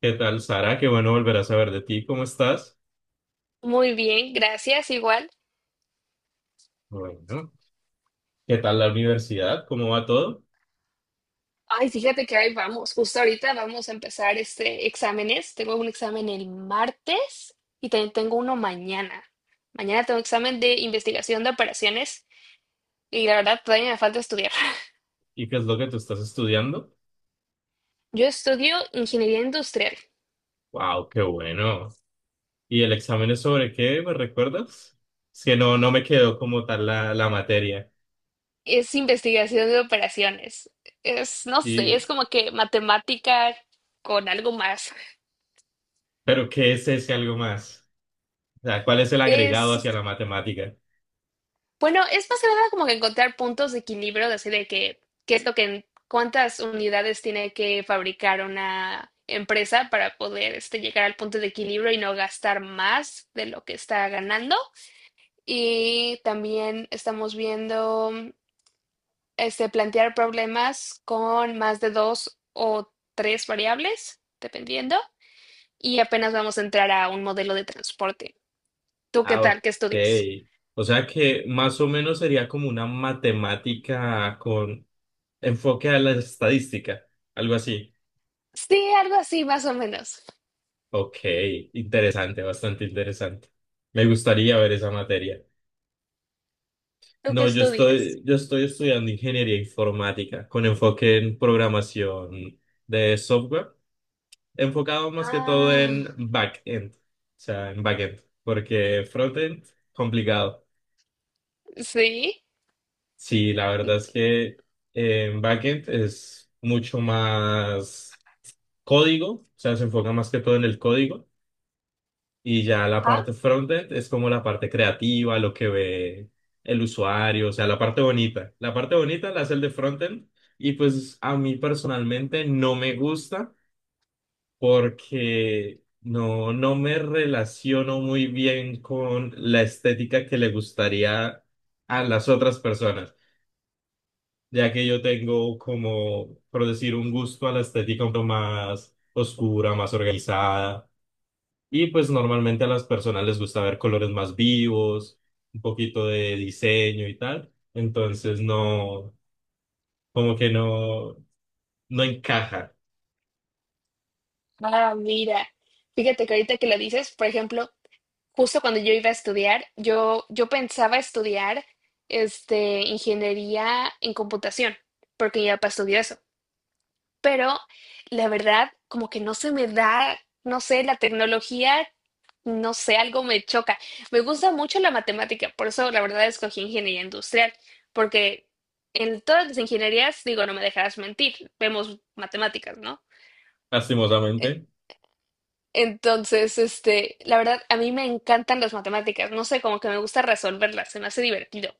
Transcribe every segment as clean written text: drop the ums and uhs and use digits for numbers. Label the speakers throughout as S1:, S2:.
S1: ¿Qué tal, Sara? Qué bueno volver a saber de ti. ¿Cómo estás?
S2: Muy bien, gracias, igual.
S1: Bueno. ¿Qué tal la universidad? ¿Cómo va todo?
S2: Ay, fíjate que ahí vamos, justo ahorita vamos a empezar exámenes. Tengo un examen el martes y también tengo uno mañana. Mañana tengo examen de investigación de operaciones y la verdad todavía me falta estudiar.
S1: ¿Y qué es lo que tú estás estudiando?
S2: Yo estudio ingeniería industrial.
S1: ¡Wow! ¡Qué bueno! ¿Y el examen es sobre qué? ¿Me recuerdas? Es que no me quedó como tal la materia.
S2: Es investigación de operaciones. Es, no sé, es
S1: Y,
S2: como que matemática con algo más.
S1: ¿Pero qué es ese algo más? O sea, ¿cuál es el agregado
S2: Es
S1: hacia la matemática?
S2: Bueno, es más que nada como que encontrar puntos de equilibrio, de así de que, qué es lo que, cuántas unidades tiene que fabricar una empresa para poder llegar al punto de equilibrio y no gastar más de lo que está ganando. Y también estamos viendo plantear problemas con más de dos o tres variables, dependiendo. Y apenas vamos a entrar a un modelo de transporte. ¿Tú qué
S1: Ah, ok.
S2: tal? ¿Qué estudias?
S1: O sea que más o menos sería como una matemática con enfoque a la estadística, algo así.
S2: Sí, algo así, más o menos.
S1: Ok, interesante, bastante interesante. Me gustaría ver esa materia.
S2: ¿Tú qué
S1: No, yo
S2: estudias?
S1: estoy, yo estoy estudiando ingeniería informática con enfoque en programación de software, enfocado más que todo en
S2: Ah,
S1: backend, o sea, en backend, porque frontend, complicado.
S2: sí,
S1: Sí, la verdad es que en backend es mucho más código, o sea, se enfoca más que todo en el código. Y ya la
S2: ajá.
S1: parte frontend es como la parte creativa, lo que ve el usuario, o sea, la parte bonita. La parte bonita la hace el de frontend y pues a mí personalmente no me gusta porque no me relaciono muy bien con la estética que le gustaría a las otras personas, ya que yo tengo como, por decir, un gusto a la estética un poco más oscura, más organizada. Y pues normalmente a las personas les gusta ver colores más vivos, un poquito de diseño y tal. Entonces no, como que no encaja,
S2: Ah, mira. Fíjate que ahorita que lo dices, por ejemplo, justo cuando yo iba a estudiar, yo pensaba estudiar ingeniería en computación, porque mi papá estudió eso. Pero la verdad, como que no se me da, no sé, la tecnología, no sé, algo me choca. Me gusta mucho la matemática, por eso la verdad escogí ingeniería industrial, porque en todas las ingenierías, digo, no me dejarás mentir, vemos matemáticas, ¿no? E-
S1: lastimosamente.
S2: Entonces, la verdad, a mí me encantan las matemáticas, no sé, como que me gusta resolverlas, se me hace divertido.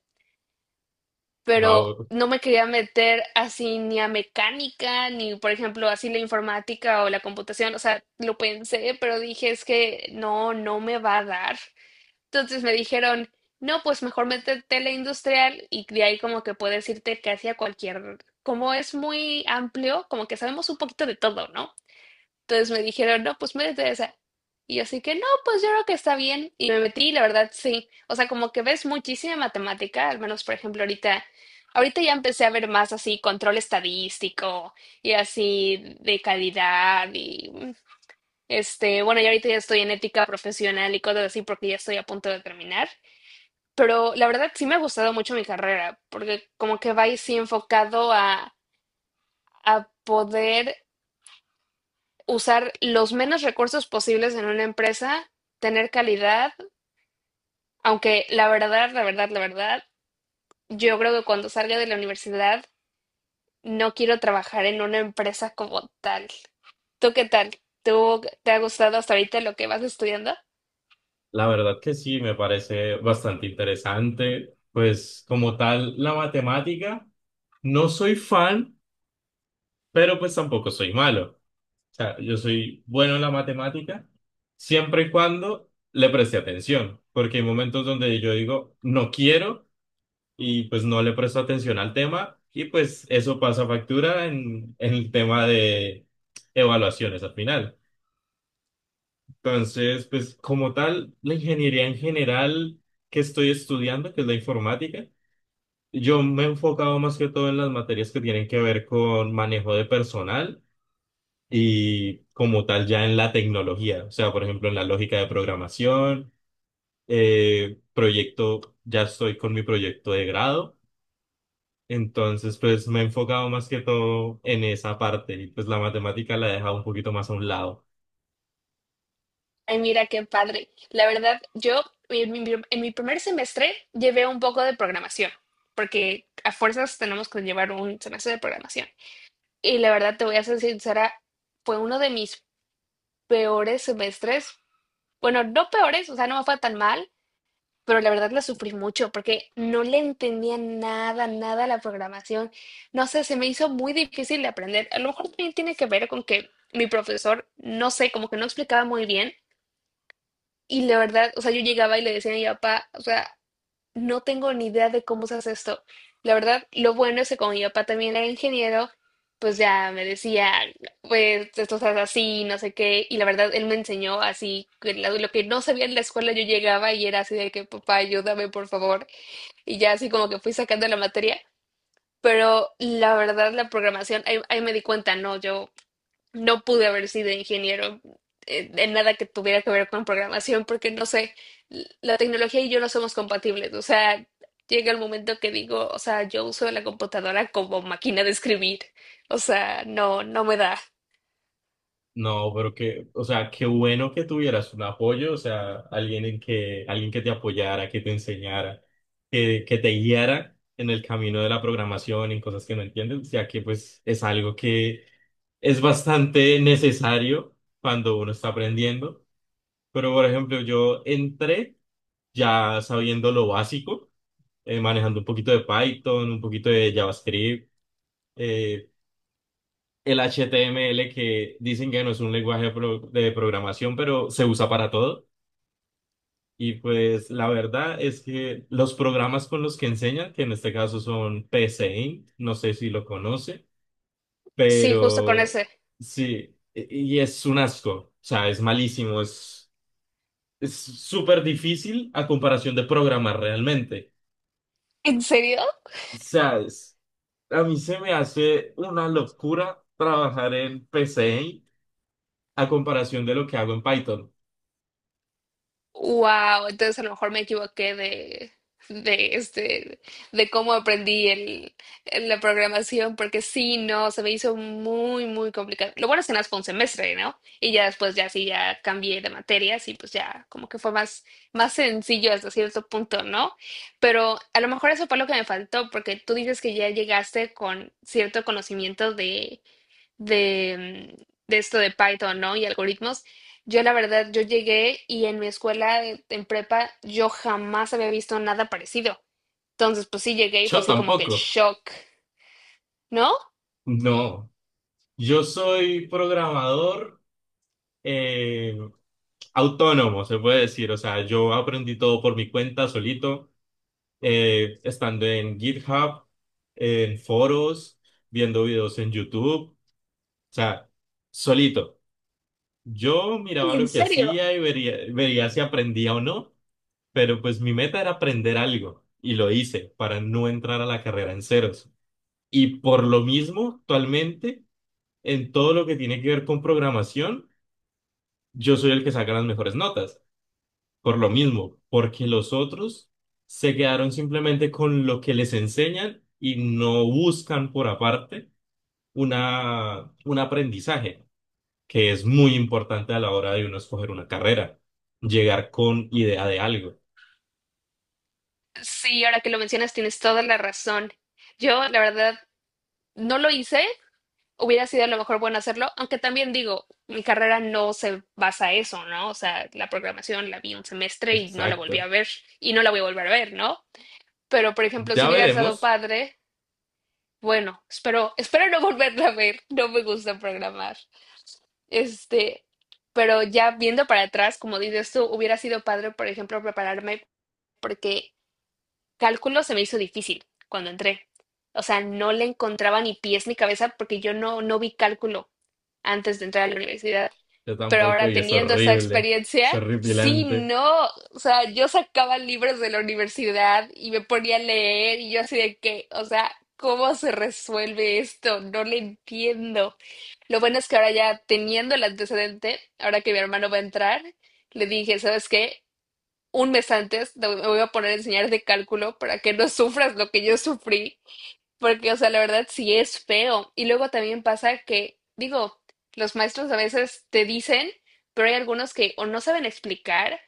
S2: Pero
S1: Wow.
S2: no me quería meter así ni a mecánica, ni por ejemplo así la informática o la computación, o sea, lo pensé, pero dije es que no, no me va a dar. Entonces me dijeron, no, pues mejor métete a la industrial y de ahí como que puedes irte casi a cualquier, como es muy amplio, como que sabemos un poquito de todo, ¿no? Entonces me dijeron, no, pues métete a esa. Y yo así que no, pues yo creo que está bien. Y me metí, la verdad, sí. O sea, como que ves muchísima matemática, al menos por ejemplo ahorita, ahorita ya empecé a ver más así control estadístico y así de calidad y bueno, yo ahorita ya estoy en ética profesional y cosas así porque ya estoy a punto de terminar. Pero la verdad sí me ha gustado mucho mi carrera, porque como que va ahí sí enfocado a poder usar los menos recursos posibles en una empresa, tener calidad, aunque la verdad, la verdad, la verdad, yo creo que cuando salga de la universidad no quiero trabajar en una empresa como tal. ¿Tú qué tal? ¿Tú te ha gustado hasta ahorita lo que vas estudiando?
S1: La verdad que sí, me parece bastante interesante. Pues como tal, la matemática, no soy fan, pero pues tampoco soy malo. O sea, yo soy bueno en la matemática siempre y cuando le preste atención, porque hay momentos donde yo digo, no quiero y pues no le presto atención al tema y pues eso pasa factura en el tema de evaluaciones al final. Entonces, pues como tal, la ingeniería en general que estoy estudiando, que es la informática, yo me he enfocado más que todo en las materias que tienen que ver con manejo de personal y como tal ya en la tecnología, o sea, por ejemplo, en la lógica de programación, proyecto, ya estoy con mi proyecto de grado. Entonces, pues me he enfocado más que todo en esa parte y pues la matemática la he dejado un poquito más a un lado.
S2: Ay, mira qué padre. La verdad, yo en mi primer semestre llevé un poco de programación, porque a fuerzas tenemos que llevar un semestre de programación. Y la verdad, te voy a ser sincera, fue uno de mis peores semestres. Bueno, no peores, o sea, no me fue tan mal, pero la verdad la sufrí mucho porque no le entendía nada, nada a la programación. No sé, se me hizo muy difícil de aprender. A lo mejor también tiene que ver con que mi profesor, no sé, como que no explicaba muy bien. Y la verdad, o sea, yo llegaba y le decía a mi papá, o sea, no tengo ni idea de cómo se hace esto. La verdad, lo bueno es que como mi papá también era ingeniero, pues ya me decía, pues esto se hace así, no sé qué. Y la verdad, él me enseñó así, que lo que no sabía en la escuela yo llegaba y era así de que, papá, ayúdame, por favor. Y ya así como que fui sacando la materia. Pero la verdad, la programación, ahí me di cuenta, no, yo no pude haber sido ingeniero en nada que tuviera que ver con programación porque no sé, la tecnología y yo no somos compatibles. O sea, llega el momento que digo, o sea, yo uso la computadora como máquina de escribir. O sea, no, no me da.
S1: No, pero que, o sea, qué bueno que tuvieras un apoyo, o sea, alguien que te apoyara, que te enseñara, que te guiara en el camino de la programación, en cosas que no entiendes, ya que pues es algo que es bastante necesario cuando uno está aprendiendo. Pero, por ejemplo, yo entré ya sabiendo lo básico, manejando un poquito de Python, un poquito de JavaScript, eh, el HTML que dicen que no es un lenguaje de programación, pero se usa para todo. Y pues la verdad es que los programas con los que enseñan, que en este caso son PSeInt, no sé si lo conoce,
S2: Sí, justo con
S1: pero
S2: ese.
S1: sí, y es un asco, o sea, es malísimo, es súper difícil a comparación de programar realmente.
S2: ¿En serio?
S1: ¿Sabes? A mí se me hace una locura trabajar en P PCI a comparación de lo que hago en Python.
S2: Wow, entonces a lo mejor me equivoqué de de cómo aprendí la programación, porque sí, no, se me hizo muy, muy complicado. Lo bueno es que nada más fue un semestre, ¿no? Y ya después ya sí, ya cambié de materias y pues ya como que fue más, más sencillo hasta cierto punto, ¿no? Pero a lo mejor eso fue lo que me faltó, porque tú dices que ya llegaste con cierto conocimiento de esto de Python, ¿no? Y algoritmos. Yo la verdad, yo llegué y en mi escuela, en prepa, yo jamás había visto nada parecido. Entonces, pues sí llegué y fue
S1: Yo
S2: así como que el
S1: tampoco.
S2: shock, ¿no?
S1: No. Yo soy programador eh, autónomo, se puede decir. O sea, yo aprendí todo por mi cuenta, solito, estando en GitHub, en foros, viendo videos en YouTube. O sea, solito. Yo miraba
S2: ¿Y en
S1: lo que
S2: serio?
S1: hacía y vería si aprendía o no. Pero pues mi meta era aprender algo y lo hice para no entrar a la carrera en ceros. Y por lo mismo, actualmente, en todo lo que tiene que ver con programación, yo soy el que saca las mejores notas. Por lo mismo, porque los otros se quedaron simplemente con lo que les enseñan y no buscan por aparte un aprendizaje, que es muy importante a la hora de uno escoger una carrera, llegar con idea de algo.
S2: Sí, ahora que lo mencionas, tienes toda la razón. Yo, la verdad, no lo hice. Hubiera sido a lo mejor bueno hacerlo, aunque también digo, mi carrera no se basa en eso, ¿no? O sea, la programación la vi un semestre y no la volví a
S1: Exacto.
S2: ver y no la voy a volver a ver, ¿no? Pero, por ejemplo, si
S1: Ya
S2: hubieras dado
S1: veremos.
S2: padre. Bueno, espero no volverla a ver. No me gusta programar. Este, pero ya viendo para atrás, como dices tú, hubiera sido padre, por ejemplo, prepararme. Porque. Cálculo se me hizo difícil cuando entré. O sea, no le encontraba ni pies ni cabeza porque yo no, no vi cálculo antes de entrar a la universidad.
S1: Yo
S2: Pero
S1: tampoco,
S2: ahora
S1: y es
S2: teniendo esa
S1: horrible,
S2: experiencia,
S1: es
S2: sí,
S1: horripilante.
S2: no. O sea, yo sacaba libros de la universidad y me ponía a leer y yo así de que, o sea, ¿cómo se resuelve esto? No le entiendo. Lo bueno es que ahora ya teniendo el antecedente, ahora que mi hermano va a entrar, le dije, ¿sabes qué? Un mes antes me voy a poner a enseñar de cálculo para que no sufras lo que yo sufrí, porque, o sea, la verdad sí es feo. Y luego también pasa que, digo, los maestros a veces te dicen, pero hay algunos que o no saben explicar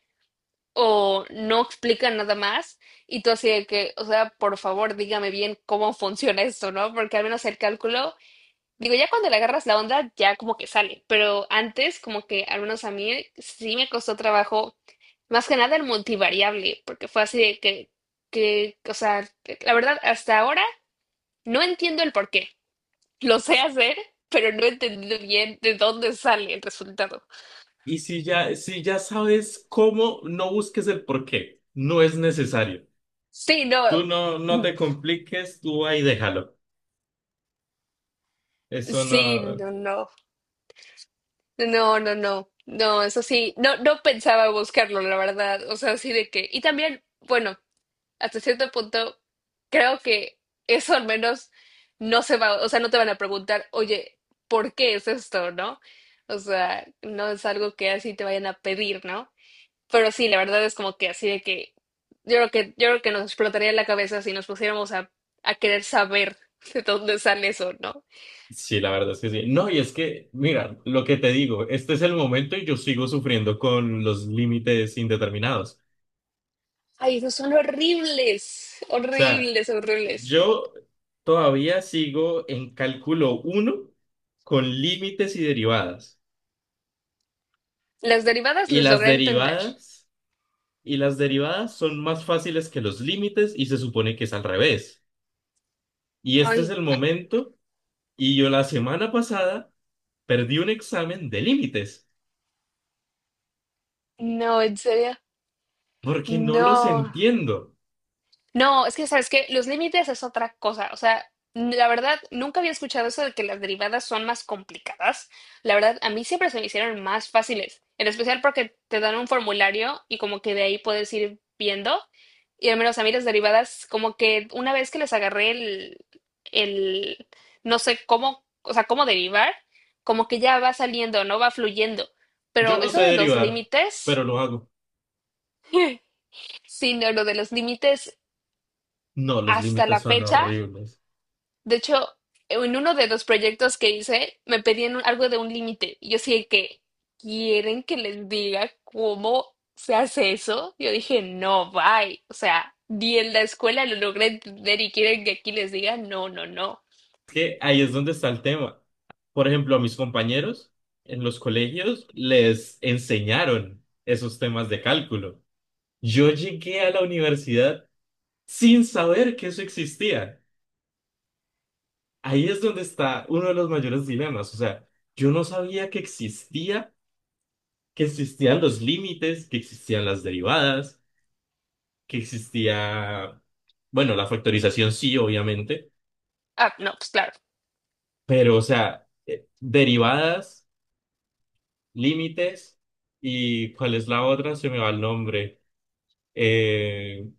S2: o no explican nada más, y tú así de que, o sea, por favor, dígame bien cómo funciona esto, ¿no? Porque al menos el cálculo. Digo, ya cuando le agarras la onda, ya como que sale, pero antes como que al menos a mí sí me costó trabajo, más que nada el multivariable, porque fue así de que, o sea, la verdad, hasta ahora no entiendo el por qué. Lo sé hacer, pero no he entendido bien de dónde sale el resultado.
S1: Y si ya sabes cómo, no busques el por qué, no es necesario.
S2: Sí, no,
S1: Tú no te compliques, tú ahí déjalo. Eso
S2: sí,
S1: no.
S2: no, no, no, no, no, no, eso sí, no, no pensaba buscarlo, la verdad, o sea, así de que, y también, bueno. Hasta cierto punto, creo que eso al menos no se va, o sea, no te van a preguntar, oye, ¿por qué es esto, no? O sea, no es algo que así te vayan a pedir, ¿no? Pero sí, la verdad es como que así de que yo creo que nos explotaría la cabeza si nos pusiéramos a, querer saber de dónde sale eso, ¿no?
S1: Sí, la verdad es que sí. No, y es que, mira, lo que te digo, este es el momento y yo sigo sufriendo con los límites indeterminados. O
S2: Ay, esos son horribles,
S1: sea,
S2: horribles, horribles.
S1: yo todavía sigo en cálculo uno con límites y derivadas.
S2: Las derivadas
S1: Y
S2: les
S1: las
S2: logré entender.
S1: derivadas. Y las derivadas son más fáciles que los límites y se supone que es al revés. Y este es
S2: Ay,
S1: el momento y yo la semana pasada perdí un examen de límites
S2: no, en serio.
S1: porque no los
S2: No.
S1: entiendo.
S2: No, es que sabes que los límites es otra cosa. O sea, la verdad, nunca había escuchado eso de que las derivadas son más complicadas. La verdad, a mí siempre se me hicieron más fáciles, en especial porque te dan un formulario y como que de ahí puedes ir viendo. Y al menos a mí las derivadas, como que una vez que les agarré el, no sé cómo, o sea, cómo derivar, como que ya va saliendo, no va fluyendo.
S1: Yo
S2: Pero
S1: no
S2: eso
S1: sé
S2: de los
S1: derivar, pero
S2: límites,
S1: lo hago.
S2: sí, no, lo de los límites
S1: No, los
S2: hasta
S1: límites
S2: la
S1: son
S2: fecha.
S1: horribles.
S2: De hecho, en uno de los proyectos que hice, me pedían algo de un límite. Y yo sí de que, ¿quieren que les diga cómo se hace eso? Yo dije, no, bye. O sea, ni en la escuela lo logré entender y quieren que aquí les diga, no, no, no.
S1: Es que ahí es donde está el tema. Por ejemplo, a mis compañeros en los colegios les enseñaron esos temas de cálculo. Yo llegué a la universidad sin saber que eso existía. Ahí es donde está uno de los mayores dilemas. O sea, yo no sabía que existía, que existían los límites, que existían las derivadas, que existía, bueno, la factorización sí, obviamente,
S2: Ah, no, pues claro,
S1: pero o sea, derivadas, límites y ¿cuál es la otra? Se me va el nombre. Eh,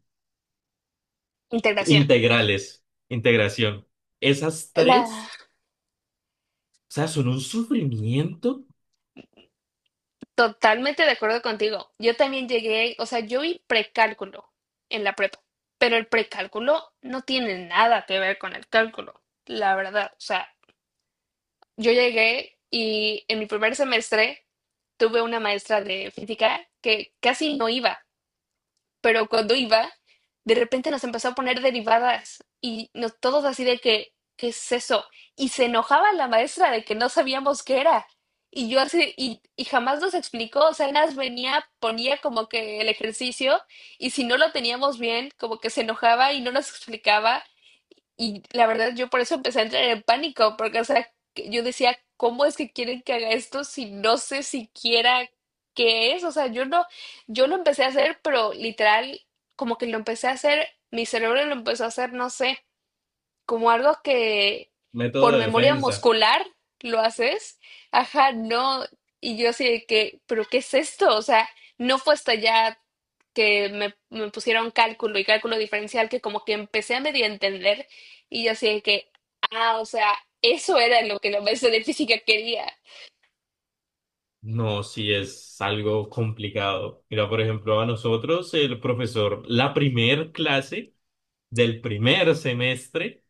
S2: integración.
S1: integrales, integración. Esas
S2: La.
S1: tres, o sea, son un sufrimiento,
S2: Totalmente de acuerdo contigo. Yo también llegué, o sea, yo vi precálculo en la prepa, pero el precálculo no tiene nada que ver con el cálculo, la verdad. O sea, yo llegué y en mi primer semestre tuve una maestra de física que casi no iba, pero cuando iba, de repente nos empezó a poner derivadas y nos, todos así de que, ¿qué es eso? Y se enojaba la maestra de que no sabíamos qué era. Y yo así, y jamás nos explicó, o sea, nada más venía, ponía como que el ejercicio y si no lo teníamos bien, como que se enojaba y no nos explicaba. Y la verdad, yo por eso empecé a entrar en pánico, porque, o sea, que yo decía, ¿cómo es que quieren que haga esto si no sé siquiera qué es? O sea, yo no, yo lo empecé a hacer, pero literal, como que lo empecé a hacer, mi cerebro lo empezó a hacer, no sé como algo que
S1: método
S2: por
S1: de
S2: memoria
S1: defensa.
S2: muscular lo haces, ajá, no, y yo así de que, pero ¿qué es esto? O sea, no fue hasta ya que me pusieron cálculo y cálculo diferencial que como que empecé a medio entender y yo así de que, ah, o sea, eso era lo que la maestra de física quería.
S1: No, sí es algo complicado. Mira, por ejemplo, a nosotros el profesor, la primer clase del primer semestre,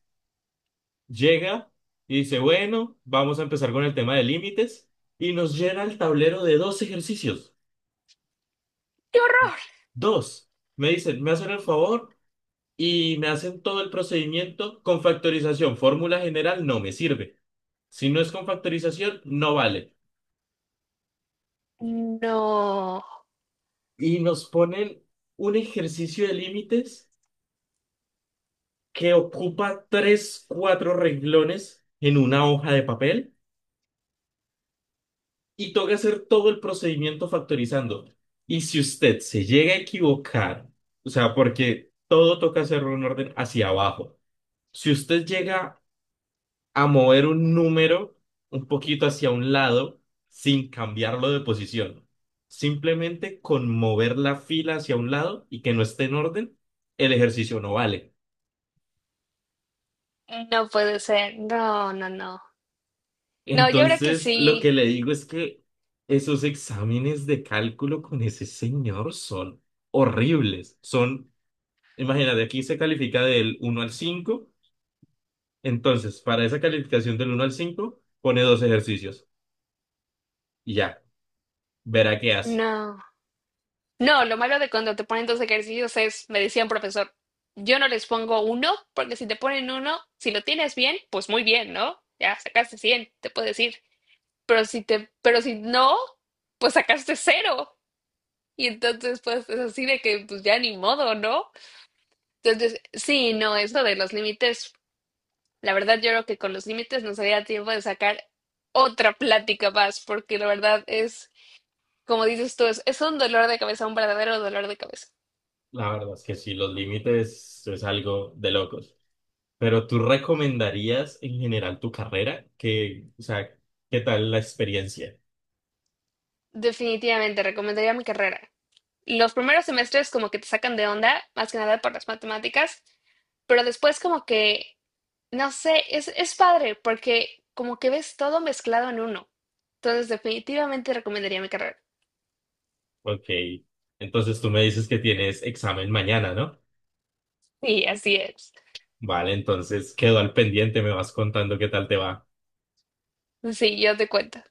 S1: llega y dice, bueno, vamos a empezar con el tema de límites y nos llena el tablero de dos ejercicios.
S2: ¡Qué horror!
S1: Dos. Me dicen, me hacen el favor y me hacen todo el procedimiento con factorización. Fórmula general no me sirve. Si no es con factorización, no vale.
S2: No,
S1: Y nos ponen un ejercicio de límites que ocupa tres, cuatro renglones en una hoja de papel y toca hacer todo el procedimiento factorizando. Y si usted se llega a equivocar, o sea, porque todo toca hacerlo en orden hacia abajo, si usted llega a mover un número un poquito hacia un lado sin cambiarlo de posición, simplemente con mover la fila hacia un lado y que no esté en orden, el ejercicio no vale.
S2: no puede ser, no, no, no. No, yo creo que
S1: Entonces, lo que
S2: sí,
S1: le digo es que esos exámenes de cálculo con ese señor son horribles. Son, imagínate, aquí se califica del uno al cinco. Entonces, para esa calificación del uno al 5 pone dos ejercicios y ya, verá qué hace.
S2: no. No, lo malo de cuando te ponen dos ejercicios es, me decía un profesor, yo no les pongo uno, porque si te ponen uno, si lo tienes bien, pues muy bien, ¿no? Ya sacaste 100, te puedo decir. Pero si no, pues sacaste cero. Y entonces, pues es así de que, pues ya ni modo, ¿no? Entonces, sí, no, es de los límites. La verdad, yo creo que con los límites nos daría tiempo de sacar otra plática más, porque la verdad es, como dices tú, es un dolor de cabeza, un verdadero dolor de cabeza.
S1: La verdad es que sí, los límites es algo de locos. Pero ¿tú recomendarías en general tu carrera? Que, o sea, ¿qué tal la experiencia?
S2: Definitivamente, recomendaría mi carrera. Los primeros semestres como que te sacan de onda, más que nada por las matemáticas, pero después como que, no sé, es padre porque como que ves todo mezclado en uno. Entonces, definitivamente recomendaría mi carrera.
S1: Ok, entonces tú me dices que tienes examen mañana, ¿no?
S2: Y así es.
S1: Vale, entonces quedo al pendiente, me vas contando qué tal te va.
S2: Sí, yo te cuento.